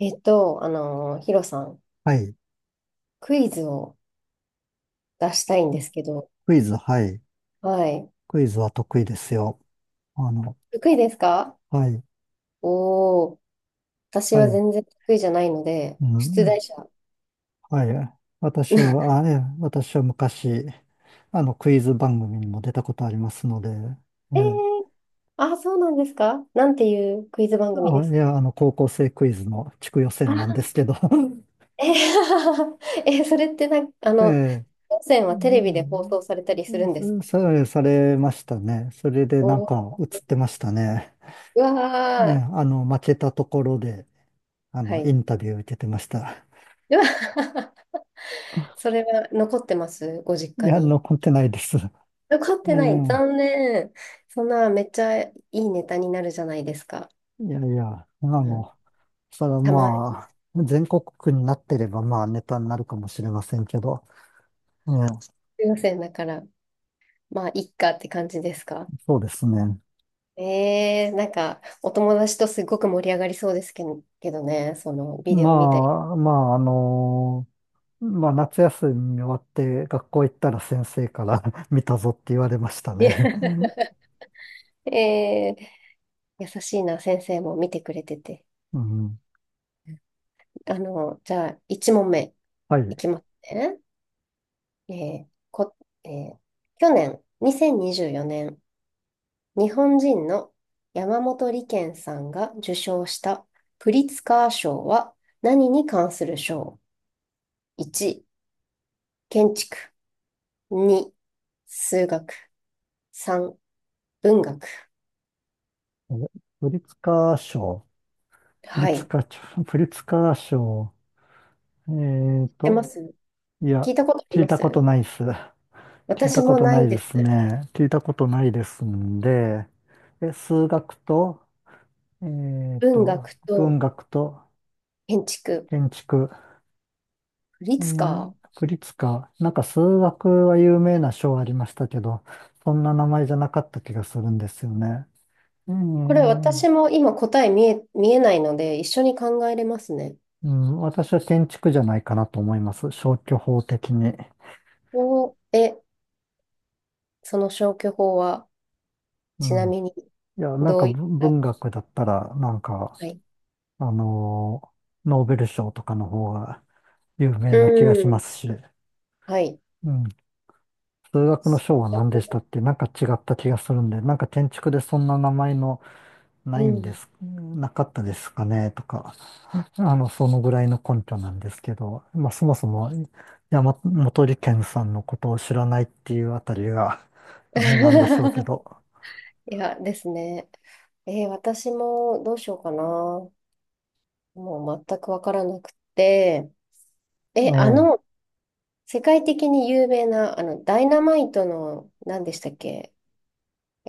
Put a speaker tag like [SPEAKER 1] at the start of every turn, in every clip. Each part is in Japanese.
[SPEAKER 1] ヒロさん、
[SPEAKER 2] はい。
[SPEAKER 1] クイズを出したいんですけど、
[SPEAKER 2] クイズ、はい。
[SPEAKER 1] はい。
[SPEAKER 2] クイズは得意ですよ。あの、
[SPEAKER 1] 得意ですか？
[SPEAKER 2] はい、
[SPEAKER 1] おー、私
[SPEAKER 2] は
[SPEAKER 1] は
[SPEAKER 2] い、
[SPEAKER 1] 全然得意じゃないので、
[SPEAKER 2] う
[SPEAKER 1] 出
[SPEAKER 2] ん、
[SPEAKER 1] 題者。
[SPEAKER 2] はい。私 は、あ、え、私は昔、クイズ番組にも出たことありますので、え
[SPEAKER 1] えー、
[SPEAKER 2] え。
[SPEAKER 1] あ、そうなんですか？なんていうクイズ番組で
[SPEAKER 2] あ、い
[SPEAKER 1] すか？
[SPEAKER 2] や、高校生クイズの地区予選なんで
[SPEAKER 1] あ、
[SPEAKER 2] すけど、
[SPEAKER 1] えー、それってなんか、
[SPEAKER 2] ええ、
[SPEAKER 1] 当選
[SPEAKER 2] う
[SPEAKER 1] はテレビで放
[SPEAKER 2] ん、
[SPEAKER 1] 送されたり
[SPEAKER 2] う
[SPEAKER 1] するんですか？
[SPEAKER 2] されましたね。それでなん
[SPEAKER 1] お
[SPEAKER 2] か
[SPEAKER 1] ー、
[SPEAKER 2] 映ってましたね。
[SPEAKER 1] うわ
[SPEAKER 2] ええ、
[SPEAKER 1] ー、
[SPEAKER 2] 負けたところで、
[SPEAKER 1] は
[SPEAKER 2] イ
[SPEAKER 1] い。
[SPEAKER 2] ンタビュー受けてました。
[SPEAKER 1] うわ、 それは残ってますご
[SPEAKER 2] い
[SPEAKER 1] 実家
[SPEAKER 2] や、
[SPEAKER 1] に？
[SPEAKER 2] 残ってないです。え
[SPEAKER 1] 残ってな
[SPEAKER 2] え。
[SPEAKER 1] い。残念。そんな、めっちゃいいネタになるじゃないですか。
[SPEAKER 2] いやいや、あ
[SPEAKER 1] うん、
[SPEAKER 2] の、それは
[SPEAKER 1] たまに、
[SPEAKER 2] まあ、全国区になってればまあネタになるかもしれませんけど、ええ。
[SPEAKER 1] 先選だから、まあ、いっかって感じですか？
[SPEAKER 2] そうですね。
[SPEAKER 1] なんか、お友達とすごく盛り上がりそうですけど、けどね、その、ビデ
[SPEAKER 2] ま
[SPEAKER 1] オ見たり。
[SPEAKER 2] あ、まあ、あの、まあ、夏休み終わって学校行ったら先生から 見たぞって言われました
[SPEAKER 1] いや、
[SPEAKER 2] ね。
[SPEAKER 1] えー、優しいな、先生も見てくれてて。
[SPEAKER 2] うん、
[SPEAKER 1] じゃあ、1問目
[SPEAKER 2] はい。
[SPEAKER 1] いきますね。えーこ、えー去年、2024年、日本人の山本理研さんが受賞したプリツカー賞は何に関する賞？ 1、建築。2、数学。3、文学。
[SPEAKER 2] え、プリツカー賞、プリ
[SPEAKER 1] は
[SPEAKER 2] ツ
[SPEAKER 1] い。知っ
[SPEAKER 2] カー賞、プリツカー賞、えー
[SPEAKER 1] てま
[SPEAKER 2] と、
[SPEAKER 1] す？
[SPEAKER 2] い
[SPEAKER 1] 聞
[SPEAKER 2] や、
[SPEAKER 1] いたことあり
[SPEAKER 2] 聞い
[SPEAKER 1] ま
[SPEAKER 2] たこと
[SPEAKER 1] す？
[SPEAKER 2] ないっす。聞い
[SPEAKER 1] 私
[SPEAKER 2] たこ
[SPEAKER 1] も
[SPEAKER 2] と
[SPEAKER 1] な
[SPEAKER 2] な
[SPEAKER 1] い
[SPEAKER 2] いで
[SPEAKER 1] で
[SPEAKER 2] す
[SPEAKER 1] す。
[SPEAKER 2] ね。聞いたことないですんで、え、数学と、えっ
[SPEAKER 1] 文
[SPEAKER 2] と、
[SPEAKER 1] 学
[SPEAKER 2] 文
[SPEAKER 1] と
[SPEAKER 2] 学と
[SPEAKER 1] 建築。
[SPEAKER 2] 建築、
[SPEAKER 1] プリ
[SPEAKER 2] う
[SPEAKER 1] ツカ
[SPEAKER 2] ん、
[SPEAKER 1] ー。
[SPEAKER 2] 国立か。なんか数学は有名な賞ありましたけど、そんな名前じゃなかった気がするんですよね。う
[SPEAKER 1] これ私
[SPEAKER 2] ん、
[SPEAKER 1] も今答え見えないので一緒に考えれますね。
[SPEAKER 2] うん、私は建築じゃないかなと思います。消去法的に。
[SPEAKER 1] お、え、その消去法は
[SPEAKER 2] う
[SPEAKER 1] ちな
[SPEAKER 2] ん。
[SPEAKER 1] みに
[SPEAKER 2] いや、なん
[SPEAKER 1] ど
[SPEAKER 2] か
[SPEAKER 1] ういっ
[SPEAKER 2] 文
[SPEAKER 1] た？
[SPEAKER 2] 文学だったら、なんか、
[SPEAKER 1] はい。
[SPEAKER 2] あのノーベル賞とかの方が、有
[SPEAKER 1] う
[SPEAKER 2] 名な気がしま
[SPEAKER 1] ん。
[SPEAKER 2] すし、
[SPEAKER 1] はい。
[SPEAKER 2] うん。数学の章は何でしたっけ、なんか違った気がするんで、なんか建築でそんな名前のな
[SPEAKER 1] う
[SPEAKER 2] いんで
[SPEAKER 1] ん。
[SPEAKER 2] す、なかったですかねとか、そのぐらいの根拠なんですけど、まあそもそも山本理研さんのことを知らないっていうあたりがダメなんでしょうけ ど、
[SPEAKER 1] いや、ですね。私もどうしようかな。もう全くわからなくて。え、
[SPEAKER 2] え
[SPEAKER 1] あ
[SPEAKER 2] え、
[SPEAKER 1] の、世界的に有名な、ダイナマイトの、何でしたっけ？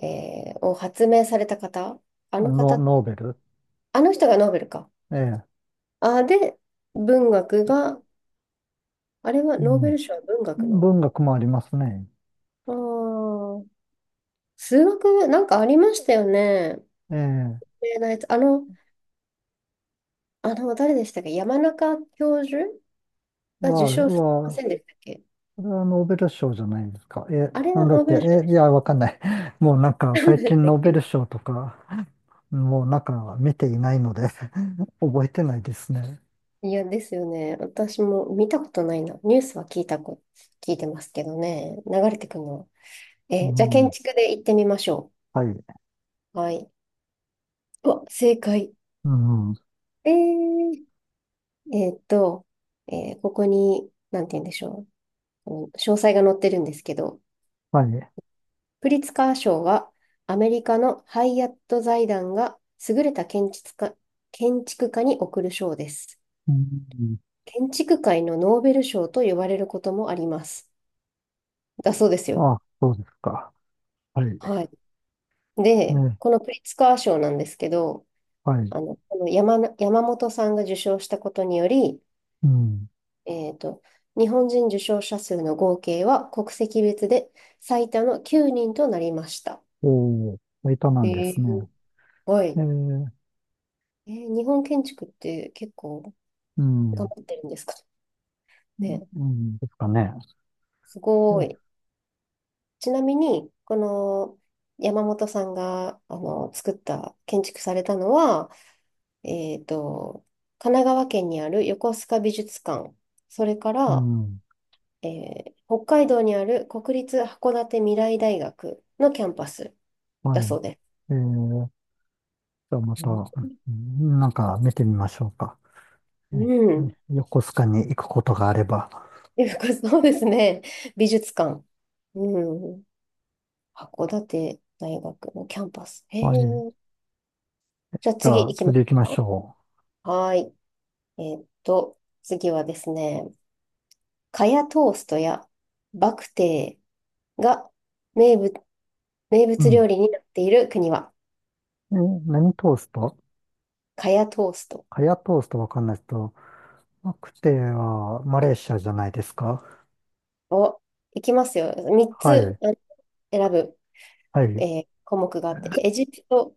[SPEAKER 1] を発明された方、あの
[SPEAKER 2] ノ、
[SPEAKER 1] 方、
[SPEAKER 2] ノーベル、
[SPEAKER 1] あの人がノーベルか。
[SPEAKER 2] ええ、
[SPEAKER 1] あ、で、文学が、あれは
[SPEAKER 2] う
[SPEAKER 1] ノーベ
[SPEAKER 2] ん。
[SPEAKER 1] ル賞は文学の。
[SPEAKER 2] 文学もありますね。
[SPEAKER 1] あー数学、なんかありましたよね。
[SPEAKER 2] ええ、
[SPEAKER 1] 有名なやつ。誰でしたっけ山中教授
[SPEAKER 2] は、
[SPEAKER 1] が受賞してま
[SPEAKER 2] は、
[SPEAKER 1] せんでしたっけ？
[SPEAKER 2] これはノーベル賞じゃないですか。え、
[SPEAKER 1] あれ
[SPEAKER 2] な
[SPEAKER 1] は
[SPEAKER 2] んだ
[SPEAKER 1] ノ
[SPEAKER 2] っ
[SPEAKER 1] ー
[SPEAKER 2] て、
[SPEAKER 1] ベル賞
[SPEAKER 2] え、
[SPEAKER 1] で
[SPEAKER 2] い
[SPEAKER 1] し
[SPEAKER 2] や、わかんない。もうなんか
[SPEAKER 1] たん
[SPEAKER 2] 最
[SPEAKER 1] でし
[SPEAKER 2] 近
[SPEAKER 1] たっ
[SPEAKER 2] ノー
[SPEAKER 1] け
[SPEAKER 2] ベル
[SPEAKER 1] ね？
[SPEAKER 2] 賞とか、もうなんか見ていないので 覚えてないですね。
[SPEAKER 1] いや、ですよね。私も見たことないな。ニュースは聞いてますけどね。流れてくるの。
[SPEAKER 2] う
[SPEAKER 1] じゃあ建
[SPEAKER 2] ん、
[SPEAKER 1] 築で行ってみましょ
[SPEAKER 2] はい。
[SPEAKER 1] う。はい。うわ、正解。
[SPEAKER 2] うん、
[SPEAKER 1] えー、えーっと、ここに、なんて言うんでしょう。この詳細が載ってるんですけど、
[SPEAKER 2] はい。
[SPEAKER 1] プリツカー賞は、アメリカのハイアット財団が優れた建築家に贈る賞です。
[SPEAKER 2] うん、
[SPEAKER 1] 建築界のノーベル賞と呼ばれることもあります。だそうですよ。
[SPEAKER 2] あ、そうですか。はい。
[SPEAKER 1] はい。で、
[SPEAKER 2] ね、
[SPEAKER 1] このプリツカー賞なんですけど、
[SPEAKER 2] はい。
[SPEAKER 1] この山本さんが受賞したことにより、
[SPEAKER 2] うん。
[SPEAKER 1] えっと、日本人受賞者数の合計は国籍別で最多の9人となりました。
[SPEAKER 2] おー、いたな
[SPEAKER 1] え
[SPEAKER 2] んです
[SPEAKER 1] ー
[SPEAKER 2] ね。
[SPEAKER 1] は
[SPEAKER 2] え
[SPEAKER 1] い。
[SPEAKER 2] ー、
[SPEAKER 1] 日本建築って結構
[SPEAKER 2] う
[SPEAKER 1] 頑
[SPEAKER 2] ん、
[SPEAKER 1] 張ってるんですかね。
[SPEAKER 2] うん、ですかね。
[SPEAKER 1] すご
[SPEAKER 2] え、
[SPEAKER 1] い。ちなみに、この山本さんが作った、建築されたのは、えっと、神奈川県にある横須賀美術館、それか
[SPEAKER 2] う
[SPEAKER 1] ら、
[SPEAKER 2] ん、
[SPEAKER 1] え北海道にある国立函館未来大学のキャンパスだ
[SPEAKER 2] は
[SPEAKER 1] そ
[SPEAKER 2] い。
[SPEAKER 1] うです。
[SPEAKER 2] えー、じゃあま
[SPEAKER 1] う
[SPEAKER 2] た、
[SPEAKER 1] ん
[SPEAKER 2] うん、なんか見てみましょうか。
[SPEAKER 1] う
[SPEAKER 2] ね、
[SPEAKER 1] ん。
[SPEAKER 2] ね、横須賀に行くことがあれば。
[SPEAKER 1] そうですね。美術館。うん。函館大学のキャンパス。へ
[SPEAKER 2] はい。じ
[SPEAKER 1] え。じゃあ次
[SPEAKER 2] ゃあ、
[SPEAKER 1] 行きま
[SPEAKER 2] 次
[SPEAKER 1] す
[SPEAKER 2] 行きま
[SPEAKER 1] か？
[SPEAKER 2] しょ
[SPEAKER 1] はーい。次はですね、カヤトーストやバクテーが名物、名
[SPEAKER 2] う。う
[SPEAKER 1] 物
[SPEAKER 2] ん。
[SPEAKER 1] 料理になっている国は？
[SPEAKER 2] え、何トースト、
[SPEAKER 1] カヤトースト
[SPEAKER 2] カヤトーストわかんないですけど、マクテはマレーシアじゃないですか。
[SPEAKER 1] を、いきますよ。3
[SPEAKER 2] は
[SPEAKER 1] つ
[SPEAKER 2] い。
[SPEAKER 1] あ、選ぶ、
[SPEAKER 2] はい。
[SPEAKER 1] 項目があって、エジプト、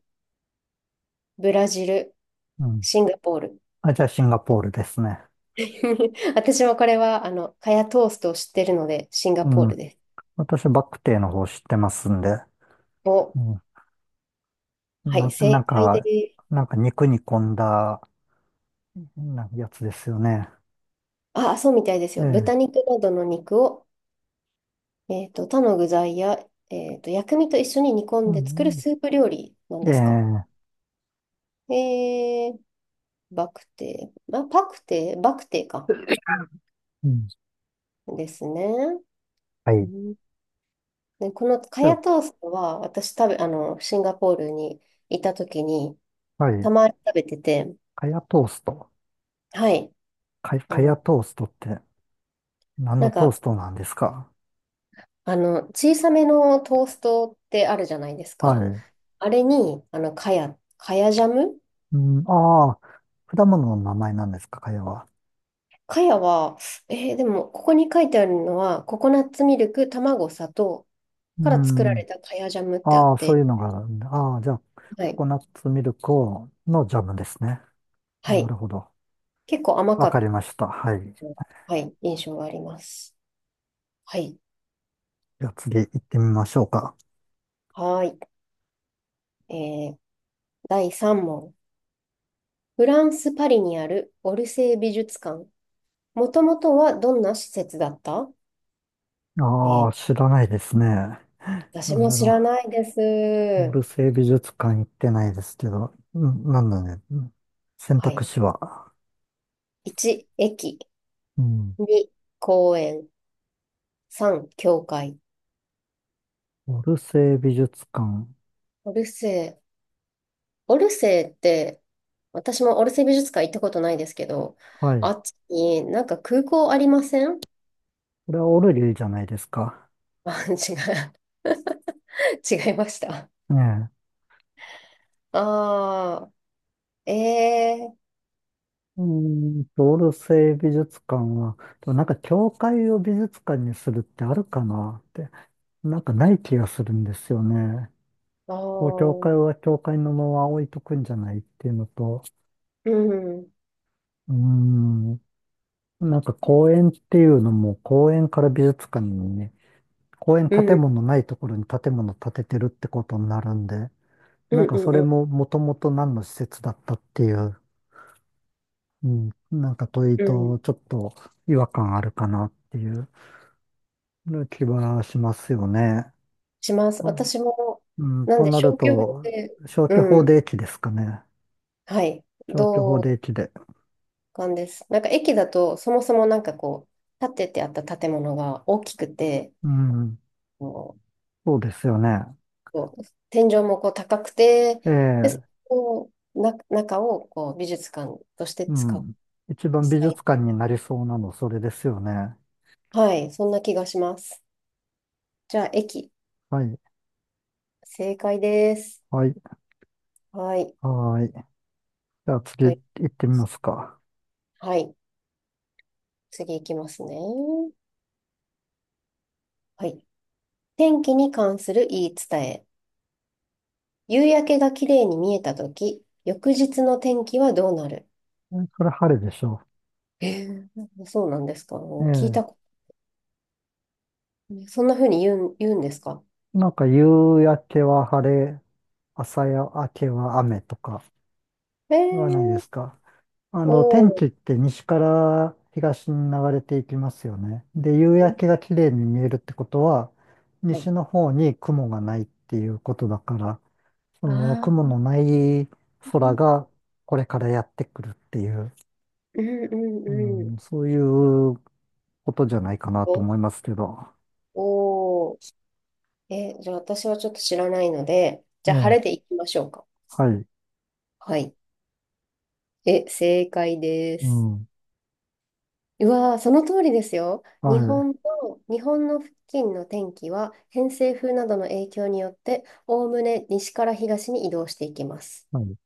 [SPEAKER 1] ブラジル、
[SPEAKER 2] うん。
[SPEAKER 1] シンガポール。
[SPEAKER 2] あ、じゃあ、シンガポールですね。
[SPEAKER 1] 私もこれは、カヤトーストを知ってるので、シンガ
[SPEAKER 2] う
[SPEAKER 1] ポール
[SPEAKER 2] ん。
[SPEAKER 1] です。
[SPEAKER 2] 私、バクテーの方知ってますんで。
[SPEAKER 1] を、
[SPEAKER 2] うん。
[SPEAKER 1] は
[SPEAKER 2] な、
[SPEAKER 1] い、正
[SPEAKER 2] なん
[SPEAKER 1] 解で
[SPEAKER 2] か、
[SPEAKER 1] す。
[SPEAKER 2] なんか肉煮込んだ、なやつですよね。
[SPEAKER 1] あ、そうみたいです
[SPEAKER 2] え
[SPEAKER 1] よ。豚
[SPEAKER 2] え。
[SPEAKER 1] 肉などの肉を他の具材や、薬味と一緒に煮込
[SPEAKER 2] う
[SPEAKER 1] んで作る
[SPEAKER 2] ん。
[SPEAKER 1] スープ料理なん
[SPEAKER 2] え
[SPEAKER 1] ですか？
[SPEAKER 2] え。
[SPEAKER 1] えー、バクテー、あ、パクテー、バクテーか。
[SPEAKER 2] うん。
[SPEAKER 1] ですね。
[SPEAKER 2] は
[SPEAKER 1] う
[SPEAKER 2] い。
[SPEAKER 1] ん。で、このカ
[SPEAKER 2] じゃ
[SPEAKER 1] ヤ
[SPEAKER 2] あ、
[SPEAKER 1] トーストは、私食べ、あの、シンガポールにいた時に、
[SPEAKER 2] はい。
[SPEAKER 1] たまに食べてて、
[SPEAKER 2] カヤトースト。
[SPEAKER 1] はい。
[SPEAKER 2] か、
[SPEAKER 1] あ
[SPEAKER 2] かや
[SPEAKER 1] の、
[SPEAKER 2] トーストって何
[SPEAKER 1] な
[SPEAKER 2] の
[SPEAKER 1] ん
[SPEAKER 2] トー
[SPEAKER 1] か、
[SPEAKER 2] ストなんですか？
[SPEAKER 1] 小さめのトーストってあるじゃないです
[SPEAKER 2] は
[SPEAKER 1] か。
[SPEAKER 2] い。
[SPEAKER 1] あれに、カヤジャム。
[SPEAKER 2] うん、ああ、果物の名前なんですか、かやは。
[SPEAKER 1] かやは、でも、ここに書いてあるのは、ココナッツミルク、卵、砂糖
[SPEAKER 2] う
[SPEAKER 1] から作ら
[SPEAKER 2] ん。
[SPEAKER 1] れたかやジャムってあっ
[SPEAKER 2] ああ、そう
[SPEAKER 1] て、
[SPEAKER 2] いうのがあるんだ。ああ、じゃあ、
[SPEAKER 1] は
[SPEAKER 2] コ
[SPEAKER 1] い。
[SPEAKER 2] コナッツミルクをのジャムですね。あ、
[SPEAKER 1] は
[SPEAKER 2] な
[SPEAKER 1] い。
[SPEAKER 2] るほど。
[SPEAKER 1] 結構甘か
[SPEAKER 2] わか
[SPEAKER 1] っ
[SPEAKER 2] りました。はい。
[SPEAKER 1] た、はい、印象があります。はい。
[SPEAKER 2] じゃあ次行ってみましょうか。
[SPEAKER 1] はーい。第3問。フランス・パリにあるオルセー美術館。もともとはどんな施設だった？え
[SPEAKER 2] ああ、
[SPEAKER 1] ー
[SPEAKER 2] 知らないですね。
[SPEAKER 1] 私
[SPEAKER 2] なん
[SPEAKER 1] も
[SPEAKER 2] だ
[SPEAKER 1] 知
[SPEAKER 2] ろ
[SPEAKER 1] らないで
[SPEAKER 2] う。オ
[SPEAKER 1] す。
[SPEAKER 2] ルセイ美術館行ってないですけど、うん、なんだね。うん、選
[SPEAKER 1] は
[SPEAKER 2] 択
[SPEAKER 1] い。
[SPEAKER 2] 肢は。
[SPEAKER 1] 1、駅。
[SPEAKER 2] うん。
[SPEAKER 1] 2、公園。3、教会。
[SPEAKER 2] オルセイ美術館。
[SPEAKER 1] オルセーオルセーって、私もオルセー美術館行ったことないですけど、
[SPEAKER 2] は
[SPEAKER 1] あ
[SPEAKER 2] い。
[SPEAKER 1] っちになんか空港ありません？
[SPEAKER 2] これはオルリーじゃないですか。
[SPEAKER 1] あ、違う。違いました。
[SPEAKER 2] ね。え。
[SPEAKER 1] ああ、ええ、
[SPEAKER 2] うーんと、オルセイ美術館は、でもなんか教会を美術館にするってあるかなって、なんかない気がするんですよね。
[SPEAKER 1] ああ
[SPEAKER 2] こう、教
[SPEAKER 1] ー、
[SPEAKER 2] 会は教会のまま置いとくんじゃないっていうのと、
[SPEAKER 1] うん、うん、
[SPEAKER 2] うーん、なんか公園っていうのも、公園から美術館にね、公園
[SPEAKER 1] う
[SPEAKER 2] 建
[SPEAKER 1] ん、
[SPEAKER 2] 物ないところに建物建ててるってことになるんで、
[SPEAKER 1] う
[SPEAKER 2] な
[SPEAKER 1] ん、
[SPEAKER 2] んかそ
[SPEAKER 1] う
[SPEAKER 2] れ
[SPEAKER 1] ん、
[SPEAKER 2] ももともと何の施設だったっていう。うん、なんか問い
[SPEAKER 1] うん。
[SPEAKER 2] とちょっと違和感あるかなっていう気はしますよね。
[SPEAKER 1] します。
[SPEAKER 2] と、
[SPEAKER 1] 私も、
[SPEAKER 2] うん、
[SPEAKER 1] なん
[SPEAKER 2] と
[SPEAKER 1] で、
[SPEAKER 2] なる
[SPEAKER 1] 小休業
[SPEAKER 2] と、
[SPEAKER 1] で、
[SPEAKER 2] 消去法
[SPEAKER 1] うん、
[SPEAKER 2] で駅ですかね。
[SPEAKER 1] はい、
[SPEAKER 2] 消去法で
[SPEAKER 1] 同
[SPEAKER 2] 駅で。
[SPEAKER 1] 感です。なんか駅だと、そもそもなんかこう、建ててあった建物が大きくて、
[SPEAKER 2] うん、そうですよね。
[SPEAKER 1] こう天井もこう高くて、
[SPEAKER 2] え
[SPEAKER 1] で、そ
[SPEAKER 2] え、
[SPEAKER 1] こをな、中をこう美術館として
[SPEAKER 2] う
[SPEAKER 1] 使って、
[SPEAKER 2] ん。一番美
[SPEAKER 1] はい、
[SPEAKER 2] 術館になりそうなの、それですよね。
[SPEAKER 1] はいそんな気がします。じゃあ、駅、
[SPEAKER 2] はい、
[SPEAKER 1] 正解です。
[SPEAKER 2] はい、
[SPEAKER 1] はい。
[SPEAKER 2] はい。じゃあ次
[SPEAKER 1] とい
[SPEAKER 2] 行ってみますか。
[SPEAKER 1] はい。次いきますね。はい。天気に関する言い伝え。夕焼けが綺麗に見えたとき、翌日の天気はどうなる？
[SPEAKER 2] え、それ晴れでしょ
[SPEAKER 1] そうなんですか？
[SPEAKER 2] う。
[SPEAKER 1] 聞い
[SPEAKER 2] え
[SPEAKER 1] たこと、そんな風に言うんですか？
[SPEAKER 2] え、なんか夕焼けは晴れ、朝焼けは雨とか。
[SPEAKER 1] え
[SPEAKER 2] はないで
[SPEAKER 1] ー、
[SPEAKER 2] すか。あの、天
[SPEAKER 1] お
[SPEAKER 2] 気っ
[SPEAKER 1] ー、
[SPEAKER 2] て西から東に流れていきますよね。で、夕焼けが綺麗に見えるってことは、
[SPEAKER 1] はい。
[SPEAKER 2] 西の方に雲がないっていうことだから、その
[SPEAKER 1] あ
[SPEAKER 2] 雲の
[SPEAKER 1] あ。
[SPEAKER 2] ない空がこれからやってくるっていう、
[SPEAKER 1] うんう
[SPEAKER 2] う
[SPEAKER 1] んうん。
[SPEAKER 2] ん、そういうことじゃないかなと
[SPEAKER 1] お、
[SPEAKER 2] 思いますけど。
[SPEAKER 1] おー。じゃあ私はちょっと知らないので、じ
[SPEAKER 2] え
[SPEAKER 1] ゃあ晴れで
[SPEAKER 2] え、
[SPEAKER 1] いきましょうか。
[SPEAKER 2] はい、
[SPEAKER 1] はい。正解で
[SPEAKER 2] う
[SPEAKER 1] す。
[SPEAKER 2] ん、
[SPEAKER 1] うわー、その通りですよ。
[SPEAKER 2] は
[SPEAKER 1] 日本
[SPEAKER 2] い、
[SPEAKER 1] の、日本の付近の天気は偏西風などの影響によって、おおむね西から東に移動していきます。
[SPEAKER 2] はい。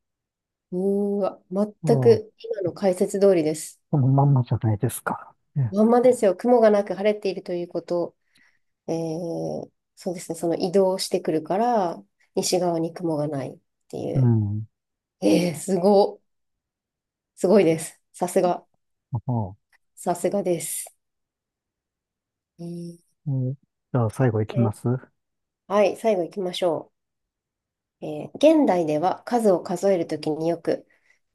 [SPEAKER 1] うーわ、
[SPEAKER 2] あ
[SPEAKER 1] 全
[SPEAKER 2] あ、こ
[SPEAKER 1] く今の解説通りです。
[SPEAKER 2] のまんまじゃないですか。ええ、
[SPEAKER 1] まんまですよ。雲がなく晴れているということ。えー、そうですね、その移動してくるから、西側に雲がないってい
[SPEAKER 2] う
[SPEAKER 1] う。
[SPEAKER 2] ん、
[SPEAKER 1] えー、すご、すごいです。
[SPEAKER 2] ああ、
[SPEAKER 1] さすがです。えー
[SPEAKER 2] う、じゃあ最後いき
[SPEAKER 1] え
[SPEAKER 2] ます。
[SPEAKER 1] はい、最後行きましょう。現代では数を数えるときによく、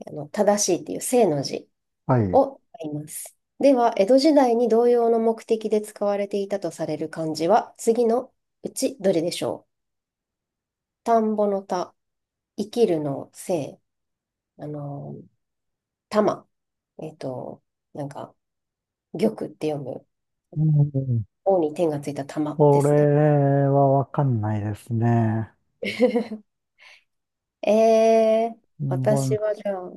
[SPEAKER 1] 正しいっていう正の字
[SPEAKER 2] はい。
[SPEAKER 1] を使います。では、江戸時代に同様の目的で使われていたとされる漢字は、次のうちどれでしょう。田んぼの田、生きるの生、あの、玉。えっと、なんか、玉って読む。
[SPEAKER 2] うん、
[SPEAKER 1] 王に天がついた玉
[SPEAKER 2] こ
[SPEAKER 1] ですね。
[SPEAKER 2] れはわかんないですね。
[SPEAKER 1] えー、
[SPEAKER 2] ぼん、
[SPEAKER 1] 私はじゃあ、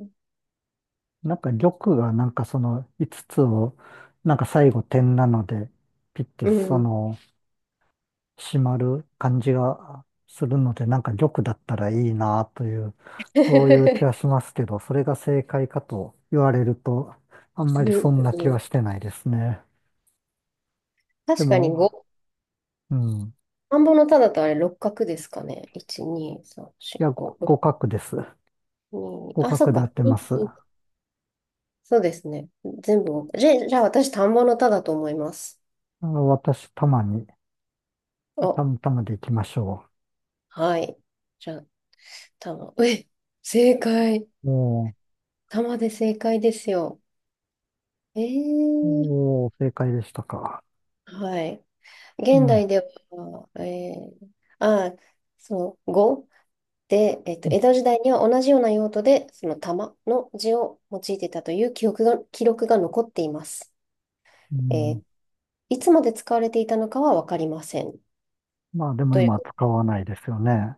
[SPEAKER 2] なんか玉がなんかその5つつを、なんか最後点なので、ピッて
[SPEAKER 1] うん。
[SPEAKER 2] そ
[SPEAKER 1] うん
[SPEAKER 2] の閉まる感じがするので、なんか玉だったらいいなという、そういう気はしますけど、それが正解かと言われると、あんま
[SPEAKER 1] う
[SPEAKER 2] りそ
[SPEAKER 1] ん
[SPEAKER 2] んな気
[SPEAKER 1] う
[SPEAKER 2] は
[SPEAKER 1] ん、
[SPEAKER 2] してないですね。で
[SPEAKER 1] 確かに
[SPEAKER 2] も、
[SPEAKER 1] 5。
[SPEAKER 2] うん。い
[SPEAKER 1] 田んぼのただとあれ六角ですかね？1、2、3、4、
[SPEAKER 2] や、
[SPEAKER 1] 5、6、
[SPEAKER 2] ご互角です。
[SPEAKER 1] 2、
[SPEAKER 2] 互
[SPEAKER 1] あ、そ
[SPEAKER 2] 角
[SPEAKER 1] っ
[SPEAKER 2] でや
[SPEAKER 1] か。
[SPEAKER 2] ってま
[SPEAKER 1] に
[SPEAKER 2] す。あ
[SPEAKER 1] そうですね。全部五じゃ、じゃあ私、田んぼのただと思います。
[SPEAKER 2] の私、たまに、た
[SPEAKER 1] お、
[SPEAKER 2] またまでいきましょ
[SPEAKER 1] はい。じゃあ、玉。正解。
[SPEAKER 2] う。おー。
[SPEAKER 1] 玉で正解ですよ。えー、
[SPEAKER 2] おー、正解でしたか。
[SPEAKER 1] はい。
[SPEAKER 2] う
[SPEAKER 1] 現
[SPEAKER 2] ん。う
[SPEAKER 1] 代では、あ、その語で、えっと、
[SPEAKER 2] ん、
[SPEAKER 1] 江戸時代には同じような用途で、その玉の字を用いていたという記憶が、記録が残っています。
[SPEAKER 2] う
[SPEAKER 1] え
[SPEAKER 2] ん、
[SPEAKER 1] ーいつまで使われていたのかはわかりません。
[SPEAKER 2] まあでも
[SPEAKER 1] とい
[SPEAKER 2] 今は
[SPEAKER 1] う、
[SPEAKER 2] 使わないですよね。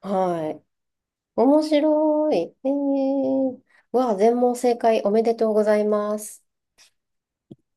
[SPEAKER 1] はい。面白い。わあ、全問正解おめでとうございます。